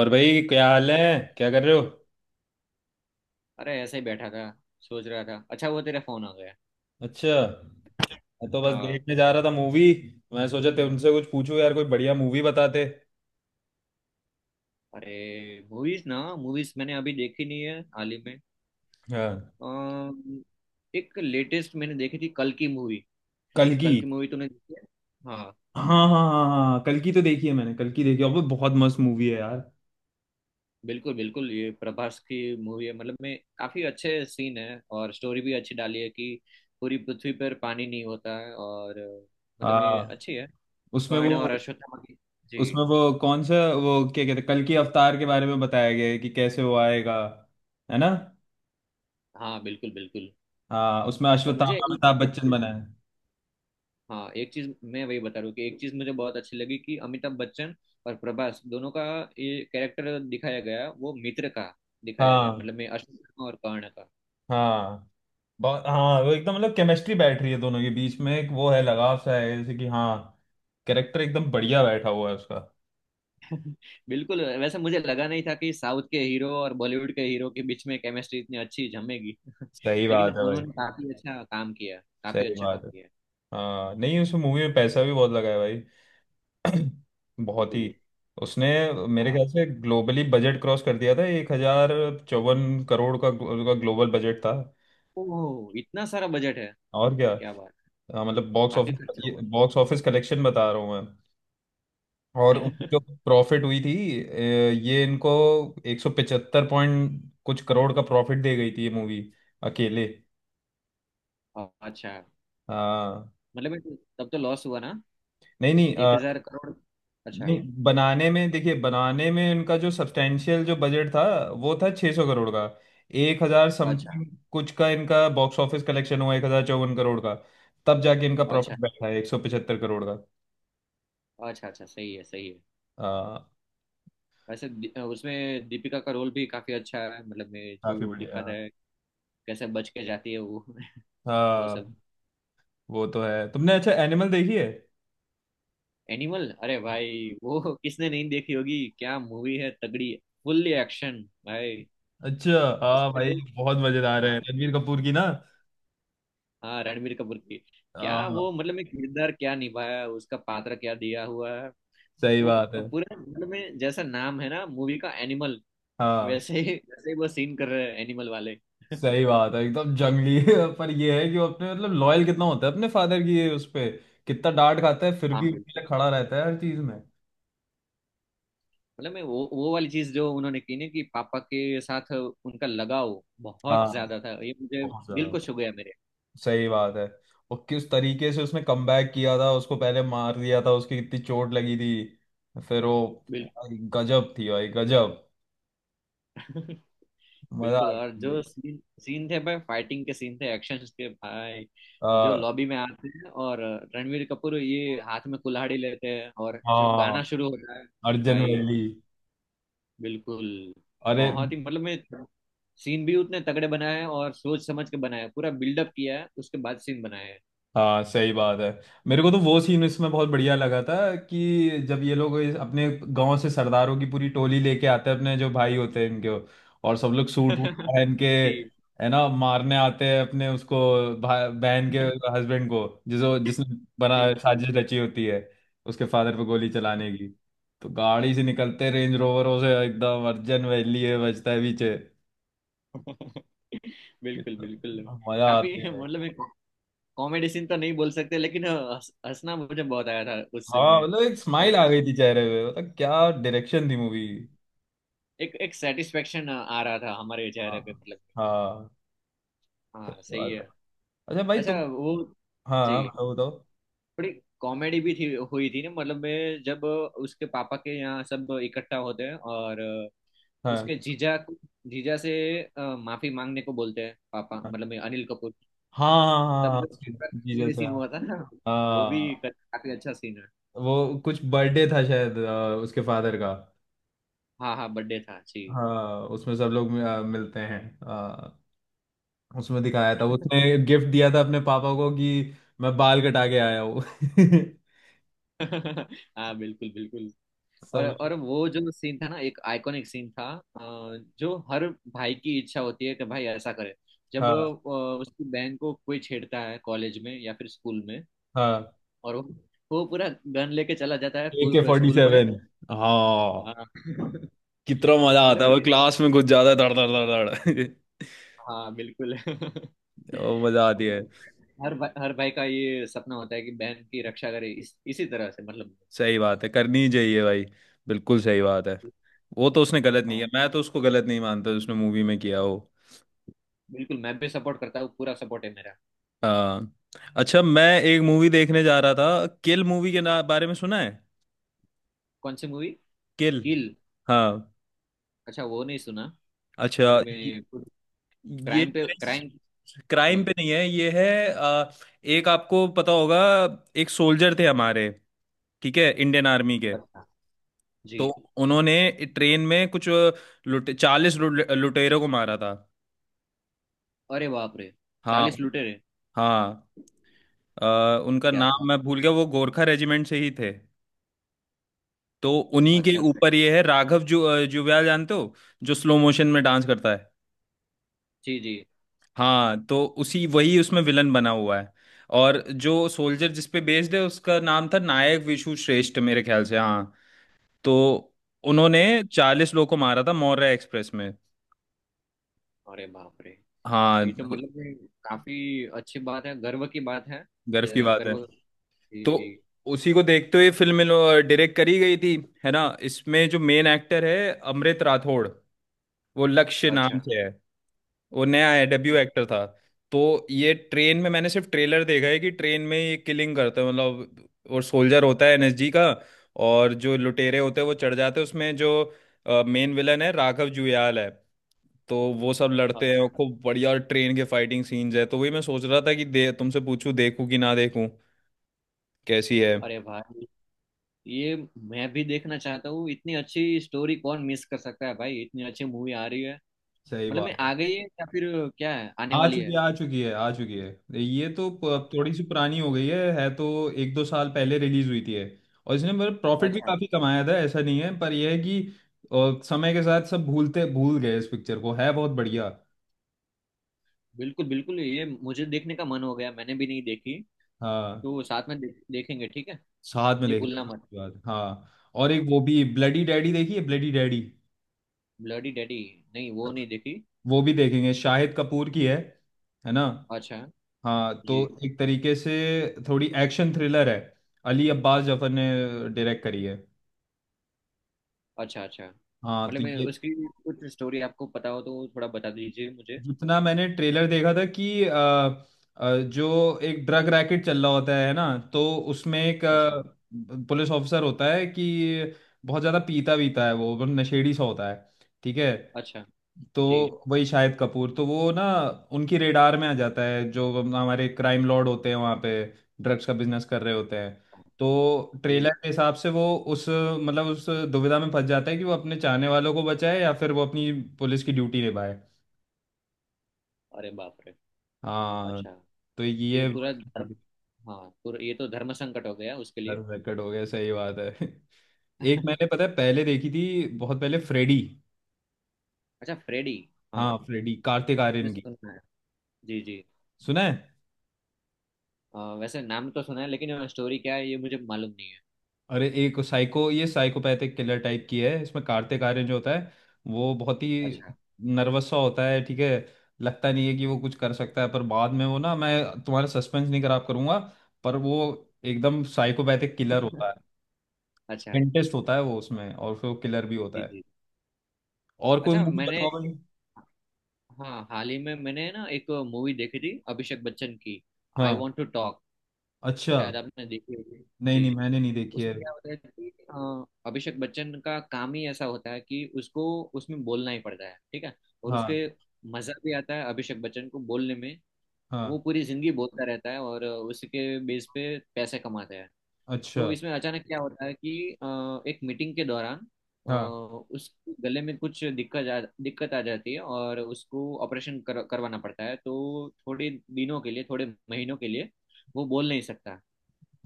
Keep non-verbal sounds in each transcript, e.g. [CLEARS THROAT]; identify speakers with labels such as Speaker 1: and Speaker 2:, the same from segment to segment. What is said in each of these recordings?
Speaker 1: और भाई क्या हाल
Speaker 2: अरे।
Speaker 1: है। क्या कर रहे हो?
Speaker 2: ऐसे ही बैठा था। सोच रहा था, अच्छा वो तेरा फोन आ गया।
Speaker 1: अच्छा, मैं तो बस
Speaker 2: हाँ।
Speaker 1: देखने जा रहा था मूवी। मैं सोचा तुमसे कुछ पूछूं यार, कोई बढ़िया मूवी बताते।
Speaker 2: अरे। मूवीज ना, मूवीज मैंने अभी देखी नहीं है हाल ही में।
Speaker 1: हाँ,
Speaker 2: अम, एक लेटेस्ट मैंने देखी थी, कल की मूवी।
Speaker 1: कल की।
Speaker 2: कल की मूवी तूने देखी है? हाँ।
Speaker 1: हाँ हाँ हाँ हाँ, कल की तो देखी है मैंने, कल की देखी है और वो बहुत मस्त मूवी है यार।
Speaker 2: बिल्कुल बिल्कुल, ये प्रभास की मूवी है। मतलब में काफी अच्छे सीन है और स्टोरी भी अच्छी डाली है कि पूरी पृथ्वी पर पानी नहीं होता है। और मतलब में
Speaker 1: हाँ,
Speaker 2: अच्छी है।
Speaker 1: उसमें
Speaker 2: कर्ण और
Speaker 1: वो
Speaker 2: अश्वत्थामा की। जी।
Speaker 1: उसमें वो कौन सा वो क्या कहते हैं, कल की अवतार के बारे में बताया गया है कि कैसे वो आएगा, है ना।
Speaker 2: हाँ बिल्कुल बिल्कुल।
Speaker 1: हाँ, उसमें
Speaker 2: और मुझे
Speaker 1: अश्वत्थामा
Speaker 2: एक
Speaker 1: अमिताभ
Speaker 2: एक
Speaker 1: बच्चन
Speaker 2: चीज।
Speaker 1: बना है।
Speaker 2: हाँ एक चीज मैं वही बता रहा हूँ कि एक चीज मुझे बहुत अच्छी लगी कि अमिताभ बच्चन और प्रभास दोनों का ये कैरेक्टर दिखाया गया, वो मित्र का दिखाया गया,
Speaker 1: हाँ
Speaker 2: मतलब मैं अशोक का और कर्ण का।
Speaker 1: हाँ, बहुत, हाँ वो एकदम मतलब केमिस्ट्री बैठ रही है दोनों के बीच में, एक वो है लगाव सा है जैसे कि। हाँ, कैरेक्टर एकदम बढ़िया बैठा हुआ है उसका।
Speaker 2: [LAUGHS] बिल्कुल। वैसे मुझे लगा नहीं था कि साउथ के हीरो और बॉलीवुड के हीरो के बीच में केमिस्ट्री इतनी अच्छी जमेगी। [LAUGHS]
Speaker 1: सही
Speaker 2: लेकिन
Speaker 1: बात है भाई।
Speaker 2: उन्होंने काफी अच्छा काम किया। काफी
Speaker 1: सही
Speaker 2: अच्छा काम
Speaker 1: बात है।
Speaker 2: किया।
Speaker 1: हाँ नहीं, उस मूवी में पैसा भी बहुत लगा है भाई। [CLEARS THROAT] बहुत ही
Speaker 2: बिल्कुल।
Speaker 1: उसने, मेरे
Speaker 2: हाँ।
Speaker 1: ख्याल से ग्लोबली बजट क्रॉस कर दिया था, 1,054 करोड़ का उसका ग्लोबल बजट था।
Speaker 2: ओह, इतना सारा बजट है।
Speaker 1: और क्या।
Speaker 2: क्या बात।
Speaker 1: हाँ, मतलब बॉक्स
Speaker 2: काफी खर्चा
Speaker 1: ऑफिस
Speaker 2: हुआ।
Speaker 1: बॉक्स ऑफिस कलेक्शन बता रहा हूँ मैं। और उनकी जो
Speaker 2: [LAUGHS]
Speaker 1: प्रॉफिट हुई थी, अ, ये इनको 175 पॉइंट कुछ करोड़ का प्रॉफिट दे गई थी ये मूवी, अकेले।
Speaker 2: अच्छा,
Speaker 1: हाँ,
Speaker 2: मतलब तब तो लॉस हुआ ना।
Speaker 1: नहीं नहीं,
Speaker 2: एक हजार करोड़ अच्छा।
Speaker 1: नहीं बनाने में, देखिए बनाने में इनका जो सब्सटेंशियल जो बजट था, वो था 600 करोड़ का। एक हजार
Speaker 2: अच्छा।
Speaker 1: समथिंग कुछ का इनका बॉक्स ऑफिस कलेक्शन हुआ, 1,054 करोड़ का। तब जाके इनका
Speaker 2: अच्छा।
Speaker 1: प्रॉफिट बैठा है 175 करोड़ का।
Speaker 2: अच्छा। अच्छा, सही है सही है।
Speaker 1: हाँ।
Speaker 2: वैसे उसमें दीपिका का रोल भी काफी अच्छा है, मतलब मैं
Speaker 1: काफी
Speaker 2: जो दिखाता
Speaker 1: बढ़िया।
Speaker 2: है कैसे बच के जाती है वो। [LAUGHS] वो
Speaker 1: हाँ,
Speaker 2: सब।
Speaker 1: वो तो है। तुमने अच्छा एनिमल देखी है?
Speaker 2: एनिमल, अरे भाई वो किसने नहीं देखी होगी? क्या मूवी है तगड़ी। फुल्ली एक्शन भाई।
Speaker 1: अच्छा, हाँ
Speaker 2: उसमें
Speaker 1: भाई,
Speaker 2: जो।
Speaker 1: बहुत मजेदार है,
Speaker 2: हाँ।
Speaker 1: रणबीर कपूर की ना।
Speaker 2: हाँ रणबीर कपूर की। क्या
Speaker 1: हाँ,
Speaker 2: वो, मतलब में किरदार क्या निभाया, उसका पात्र क्या दिया हुआ है।
Speaker 1: सही
Speaker 2: वो
Speaker 1: बात है।
Speaker 2: पूरे मतलब में जैसा नाम है ना मूवी का एनिमल,
Speaker 1: हाँ,
Speaker 2: वैसे ही [LAUGHS] वैसे ही वो सीन कर रहे हैं एनिमल वाले। [LAUGHS]
Speaker 1: सही बात है। एकदम जंगली [LAUGHS] है, पर ये है कि वो अपने मतलब लॉयल कितना होता है अपने फादर की, ये उस पे कितना डांट खाता है फिर
Speaker 2: हाँ
Speaker 1: भी उनके
Speaker 2: बिल्कुल।
Speaker 1: लिए खड़ा रहता है हर चीज में।
Speaker 2: मतलब मैं वो वाली चीज जो उन्होंने की ना, कि पापा के साथ उनका लगाव
Speaker 1: हाँ,
Speaker 2: बहुत ज्यादा था, ये मुझे
Speaker 1: बहुत
Speaker 2: दिल
Speaker 1: ज्यादा।
Speaker 2: को छू गया मेरे।
Speaker 1: सही बात है। और किस तरीके से उसने कमबैक किया था, उसको पहले मार दिया था, उसकी कितनी चोट लगी थी, फिर वो, भाई, गजब थी भाई, गजब।
Speaker 2: बिल्कुल। [LAUGHS]
Speaker 1: मजा
Speaker 2: बिल्कुल।
Speaker 1: आ
Speaker 2: और
Speaker 1: गया।
Speaker 2: जो सीन सीन थे भाई, फाइटिंग के सीन थे एक्शन के भाई, जो
Speaker 1: आ,
Speaker 2: लॉबी में आते हैं और रणवीर कपूर ये हाथ में कुल्हाड़ी लेते हैं और जो
Speaker 1: हाँ,
Speaker 2: गाना शुरू होता है
Speaker 1: अर्जन
Speaker 2: भाई।
Speaker 1: वैली।
Speaker 2: बिल्कुल।
Speaker 1: अरे,
Speaker 2: बहुत ही मतलब मैं सीन भी उतने तगड़े बनाए हैं और सोच समझ के बनाए हैं। पूरा बिल्डअप किया है उसके बाद सीन बनाए हैं।
Speaker 1: हाँ सही बात है। मेरे को तो वो सीन इसमें बहुत बढ़िया लगा था कि जब ये लोग अपने गांव से सरदारों की पूरी टोली लेके आते हैं अपने जो भाई होते हैं इनके, और सब लोग सूट वूट
Speaker 2: [LAUGHS]
Speaker 1: पहन के,
Speaker 2: जी।
Speaker 1: है ना, मारने आते हैं अपने उसको, बहन के
Speaker 2: [LAUGHS]
Speaker 1: हस्बैंड को, जिसो जिसने बना
Speaker 2: जी जी।
Speaker 1: साजिश रची होती है उसके फादर पे गोली चलाने की। तो गाड़ी से निकलते, रेंज रोवरों से, एकदम अर्जन वैली है बजता है पीछे।
Speaker 2: बिल्कुल बिल्कुल।
Speaker 1: मजा
Speaker 2: काफी,
Speaker 1: आती है।
Speaker 2: मतलब एक कॉमेडी सीन तो नहीं बोल सकते लेकिन हंसना मुझे बहुत आया था उस सीन
Speaker 1: हाँ,
Speaker 2: में।
Speaker 1: मतलब एक स्माइल
Speaker 2: और
Speaker 1: आ गई थी चेहरे पे, मतलब क्या डायरेक्शन थी मूवी।
Speaker 2: एक एक सेटिस्फेक्शन आ रहा था हमारे
Speaker 1: हाँ।
Speaker 2: चेहरे पे मतलब।
Speaker 1: हाँ,
Speaker 2: हाँ
Speaker 1: सही
Speaker 2: सही
Speaker 1: बात
Speaker 2: है।
Speaker 1: है। अच्छा भाई,
Speaker 2: अच्छा
Speaker 1: तुम,
Speaker 2: वो।
Speaker 1: हाँ
Speaker 2: जी।
Speaker 1: हाँ, बताओ बताओ।
Speaker 2: थोड़ी कॉमेडी भी थी हुई थी ना, मतलब मैं जब उसके पापा के यहाँ सब इकट्ठा होते हैं और
Speaker 1: हाँ
Speaker 2: उसके जीजा को, जीजा से माफी मांगने को बोलते हैं पापा,
Speaker 1: हाँ
Speaker 2: मतलब अनिल कपूर।
Speaker 1: हाँ
Speaker 2: तब
Speaker 1: हाँ,
Speaker 2: जो
Speaker 1: उसके
Speaker 2: कॉमेडी
Speaker 1: जीजस है।
Speaker 2: सीन हुआ था ना, वो भी
Speaker 1: हाँ,
Speaker 2: काफी अच्छा सीन है।
Speaker 1: वो कुछ बर्थडे था शायद, उसके फादर का।
Speaker 2: हाँ हाँ बर्थडे था जी।
Speaker 1: हाँ, उसमें सब लोग मिलते हैं। हाँ, उसमें दिखाया था
Speaker 2: [LAUGHS]
Speaker 1: उसने गिफ्ट दिया था अपने पापा को कि मैं बाल कटा के आया हूँ [LAUGHS]
Speaker 2: हाँ बिल्कुल बिल्कुल।
Speaker 1: सब
Speaker 2: और
Speaker 1: लोग।
Speaker 2: और वो जो सीन था ना, एक आइकॉनिक सीन था। जो हर भाई की इच्छा होती है कि भाई ऐसा करे। जब
Speaker 1: हाँ
Speaker 2: उसकी बहन को कोई छेड़ता है कॉलेज में या फिर स्कूल में,
Speaker 1: हाँ,
Speaker 2: और वो पूरा गन लेके चला जाता है
Speaker 1: A K
Speaker 2: school
Speaker 1: forty
Speaker 2: school में।
Speaker 1: सेवन हाँ,
Speaker 2: हाँ। [LAUGHS]
Speaker 1: कितना मजा आता है, वो
Speaker 2: मतलब।
Speaker 1: क्लास में कुछ ज्यादा धड़ धड़ धड़ धड़।
Speaker 2: हाँ बिल्कुल।
Speaker 1: [LAUGHS] वो मजा
Speaker 2: [LAUGHS]
Speaker 1: आती है।
Speaker 2: हर भाई, हर भाई का ये सपना होता है कि बहन की रक्षा करे इसी तरह से मतलब।
Speaker 1: सही बात है, करनी ही चाहिए भाई। बिल्कुल सही बात है। वो तो उसने गलत नहीं
Speaker 2: हाँ
Speaker 1: किया, मैं तो उसको गलत नहीं मानता जो उसने मूवी में किया वो।
Speaker 2: बिल्कुल, मैं भी सपोर्ट करता हूँ, पूरा सपोर्ट है मेरा।
Speaker 1: आ, अच्छा, मैं एक मूवी देखने जा रहा था, किल मूवी के ना बारे में सुना है?
Speaker 2: कौन सी मूवी?
Speaker 1: किल।
Speaker 2: किल।
Speaker 1: हाँ।
Speaker 2: अच्छा वो नहीं सुना।
Speaker 1: अच्छा
Speaker 2: मतलब
Speaker 1: ये
Speaker 2: मैं
Speaker 1: ये
Speaker 2: क्राइम पे क्राइम।
Speaker 1: क्राइम
Speaker 2: जी।
Speaker 1: पे नहीं है, ये है, एक आपको पता होगा, एक सोल्जर थे हमारे, ठीक है, इंडियन आर्मी के।
Speaker 2: अच्छा। जी।
Speaker 1: तो उन्होंने ट्रेन में कुछ लुटे 40 लुटेरों को मारा था।
Speaker 2: अरे बाप रे।
Speaker 1: हाँ।
Speaker 2: 40 लुटेरे?
Speaker 1: हाँ, अ, उनका
Speaker 2: क्या
Speaker 1: नाम
Speaker 2: बात।
Speaker 1: मैं भूल गया, वो गोरखा रेजिमेंट से ही थे। तो उन्हीं के
Speaker 2: अच्छा सर।
Speaker 1: ऊपर ये है, राघव जुव्याल, जानते हो, जो स्लो मोशन में डांस करता है।
Speaker 2: जी जी।
Speaker 1: हाँ, तो उसी वही उसमें विलन बना हुआ है। और जो सोल्जर, जिस पे बेस्ड है, उसका नाम था नायक विशु श्रेष्ठ, मेरे ख्याल से, हाँ। तो उन्होंने 40 लोग को मारा था, मौर्य एक्सप्रेस में।
Speaker 2: अरे बाप रे। ये
Speaker 1: हाँ।
Speaker 2: तो मतलब, ये काफी अच्छी बात है, गर्व की बात है।
Speaker 1: गर्व की बात है।
Speaker 2: गर्व। जी
Speaker 1: तो
Speaker 2: जी।
Speaker 1: उसी को देखते हुए फिल्म डायरेक्ट करी गई थी, है ना। इसमें जो मेन एक्टर है, अमृत राठौड़, वो लक्ष्य नाम
Speaker 2: अच्छा
Speaker 1: से है। वो नया है, डेब्यू एक्टर था। तो ये ट्रेन में, मैंने सिर्फ ट्रेलर देखा है कि ट्रेन में ये किलिंग करता है, मतलब, और सोल्जर होता है एनएसजी का। और जो लुटेरे होते हैं वो चढ़ जाते हैं उसमें, जो मेन विलन है राघव जुयाल है। तो वो सब लड़ते हैं और
Speaker 2: अच्छा।
Speaker 1: खूब बढ़िया ट्रेन के फाइटिंग सीन्स है। तो वही मैं सोच रहा था कि दे तुमसे पूछूं, देखूं कि ना देखूं, कैसी है।
Speaker 2: अरे भाई, ये मैं भी देखना चाहता हूँ, इतनी अच्छी स्टोरी कौन मिस कर सकता है भाई। इतनी अच्छी मूवी आ रही है।
Speaker 1: सही
Speaker 2: मतलब मैं
Speaker 1: बात।
Speaker 2: आ गई है या फिर क्या है, आने
Speaker 1: आ
Speaker 2: वाली
Speaker 1: चुकी
Speaker 2: है?
Speaker 1: है, आ चुकी है, आ चुकी है। ये तो थोड़ी सी पुरानी हो गई है तो। 1-2 साल पहले रिलीज हुई थी है। और इसने मतलब प्रॉफिट भी
Speaker 2: अच्छा।
Speaker 1: काफी कमाया था, ऐसा नहीं है, पर यह है कि समय के साथ सब भूल गए इस पिक्चर को। है बहुत बढ़िया।
Speaker 2: बिल्कुल बिल्कुल, ये मुझे देखने का मन हो गया, मैंने भी नहीं देखी।
Speaker 1: हाँ,
Speaker 2: तो साथ में देखेंगे, ठीक है।
Speaker 1: साथ में
Speaker 2: ये
Speaker 1: देख लेते
Speaker 2: भूलना
Speaker 1: हैं
Speaker 2: मत।
Speaker 1: इसके बाद। हाँ, और एक वो भी, ब्लडी डैडी देखी है, ब्लडी डैडी?
Speaker 2: Bloody daddy. नहीं वो नहीं देखी।
Speaker 1: वो भी देखेंगे, शाहिद कपूर की है ना।
Speaker 2: अच्छा।
Speaker 1: हाँ तो,
Speaker 2: जी।
Speaker 1: एक तरीके से थोड़ी एक्शन थ्रिलर है, अली अब्बास जफर ने डायरेक्ट करी है।
Speaker 2: अच्छा अच्छा,
Speaker 1: हाँ तो
Speaker 2: मतलब मैं
Speaker 1: ये,
Speaker 2: उसकी कुछ स्टोरी आपको पता हो तो थोड़ा बता दीजिए मुझे।
Speaker 1: जितना मैंने ट्रेलर देखा था कि जो एक ड्रग रैकेट चल रहा होता है ना, तो उसमें एक
Speaker 2: अच्छा।
Speaker 1: पुलिस ऑफिसर होता है कि बहुत ज़्यादा पीता वीता है, वो बहुत नशेड़ी सा होता है, ठीक है।
Speaker 2: अच्छा।
Speaker 1: तो
Speaker 2: जी
Speaker 1: वही शाहिद कपूर, तो वो ना उनकी रेडार में आ जाता है, जो हमारे क्राइम लॉर्ड होते हैं वहाँ पे, ड्रग्स का बिजनेस कर रहे होते हैं। तो
Speaker 2: जी।
Speaker 1: ट्रेलर के हिसाब से वो उस, मतलब उस दुविधा में फंस जाता है कि वो अपने चाहने वालों को बचाए या फिर वो अपनी पुलिस की ड्यूटी निभाए।
Speaker 2: अरे बाप रे।
Speaker 1: हाँ
Speaker 2: अच्छा।
Speaker 1: तो
Speaker 2: ये
Speaker 1: ये
Speaker 2: पूरा धर्म। हाँ पूरा, ये तो धर्म संकट हो गया उसके लिए।
Speaker 1: रिकॉर्ड हो गया, सही बात है [LAUGHS] एक मैंने,
Speaker 2: [LAUGHS]
Speaker 1: पता है, पहले देखी थी, बहुत पहले, फ्रेडी।
Speaker 2: अच्छा फ्रेडी। हाँ
Speaker 1: हाँ, फ्रेडी, कार्तिक
Speaker 2: मैंने
Speaker 1: आर्यन की।
Speaker 2: सुना है। जी जी।
Speaker 1: सुना है?
Speaker 2: वैसे नाम तो सुना है लेकिन स्टोरी क्या है ये मुझे मालूम नहीं है।
Speaker 1: अरे, एक साइको, ये साइकोपैथिक किलर टाइप की है, इसमें कार्तिक आर्यन जो होता है, वो बहुत ही
Speaker 2: अच्छा।
Speaker 1: नर्वस सा होता है, ठीक है। लगता नहीं है कि वो कुछ कर सकता है, पर बाद में वो ना, मैं तुम्हारा सस्पेंस नहीं खराब करूंगा, पर वो एकदम साइकोपैथिक किलर होता
Speaker 2: [LAUGHS] अच्छा।
Speaker 1: है। इंटरेस्ट होता है वो उसमें, और फिर वो किलर भी होता
Speaker 2: जी
Speaker 1: है।
Speaker 2: जी।
Speaker 1: और कोई
Speaker 2: अच्छा।
Speaker 1: मूवी
Speaker 2: मैंने
Speaker 1: बताओ भाई।
Speaker 2: हाँ, हाल ही में मैंने ना एक मूवी देखी थी अभिषेक बच्चन की। आई
Speaker 1: हाँ।
Speaker 2: Want to talk.
Speaker 1: अच्छा,
Speaker 2: शायद आपने देखी होगी।
Speaker 1: नहीं
Speaker 2: जी।
Speaker 1: नहीं, मैंने नहीं देखी है।
Speaker 2: उसमें क्या होता है कि अभिषेक बच्चन का काम ही ऐसा होता है कि उसको उसमें बोलना ही पड़ता है, ठीक है। और
Speaker 1: हाँ।
Speaker 2: उसके मजा भी आता है अभिषेक बच्चन को बोलने में। वो
Speaker 1: हाँ।
Speaker 2: पूरी जिंदगी बोलता रहता है और उसके बेस पे पैसे कमाता है।
Speaker 1: अच्छा।
Speaker 2: तो इसमें अचानक क्या होता है कि अ, एक मीटिंग के दौरान अ,
Speaker 1: हाँ।
Speaker 2: उसके गले में कुछ दिक्कत आ जाती है और उसको ऑपरेशन करवाना पड़ता है। तो थोड़े दिनों के लिए, थोड़े महीनों के लिए वो बोल नहीं सकता।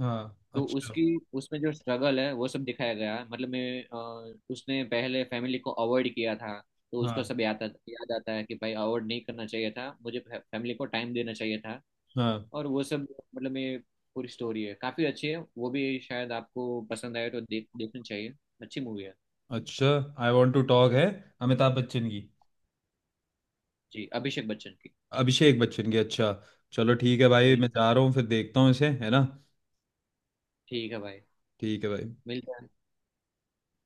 Speaker 1: हाँ।
Speaker 2: तो
Speaker 1: अच्छा।
Speaker 2: उसकी, उसमें जो स्ट्रगल है वो सब दिखाया गया, मतलब मैं उसने पहले फैमिली को अवॉइड किया था। तो उसको
Speaker 1: हाँ।
Speaker 2: सब याद आता है कि भाई, अवॉइड नहीं करना चाहिए था, मुझे फैमिली को टाइम देना चाहिए था।
Speaker 1: हाँ।
Speaker 2: और वो सब, मतलब मैं पूरी स्टोरी है, काफी अच्छी है। वो भी शायद आपको पसंद आए तो देखनी चाहिए। अच्छी मूवी है।
Speaker 1: अच्छा, आई वॉन्ट टू टॉक है, अमिताभ बच्चन की।
Speaker 2: जी, अभिषेक बच्चन की।
Speaker 1: अभिषेक बच्चन की, अच्छा। चलो ठीक है भाई,
Speaker 2: जी।
Speaker 1: मैं जा रहा हूँ, फिर देखता हूँ इसे, है ना।
Speaker 2: ठीक है भाई।
Speaker 1: ठीक है भाई।
Speaker 2: मिलते हैं।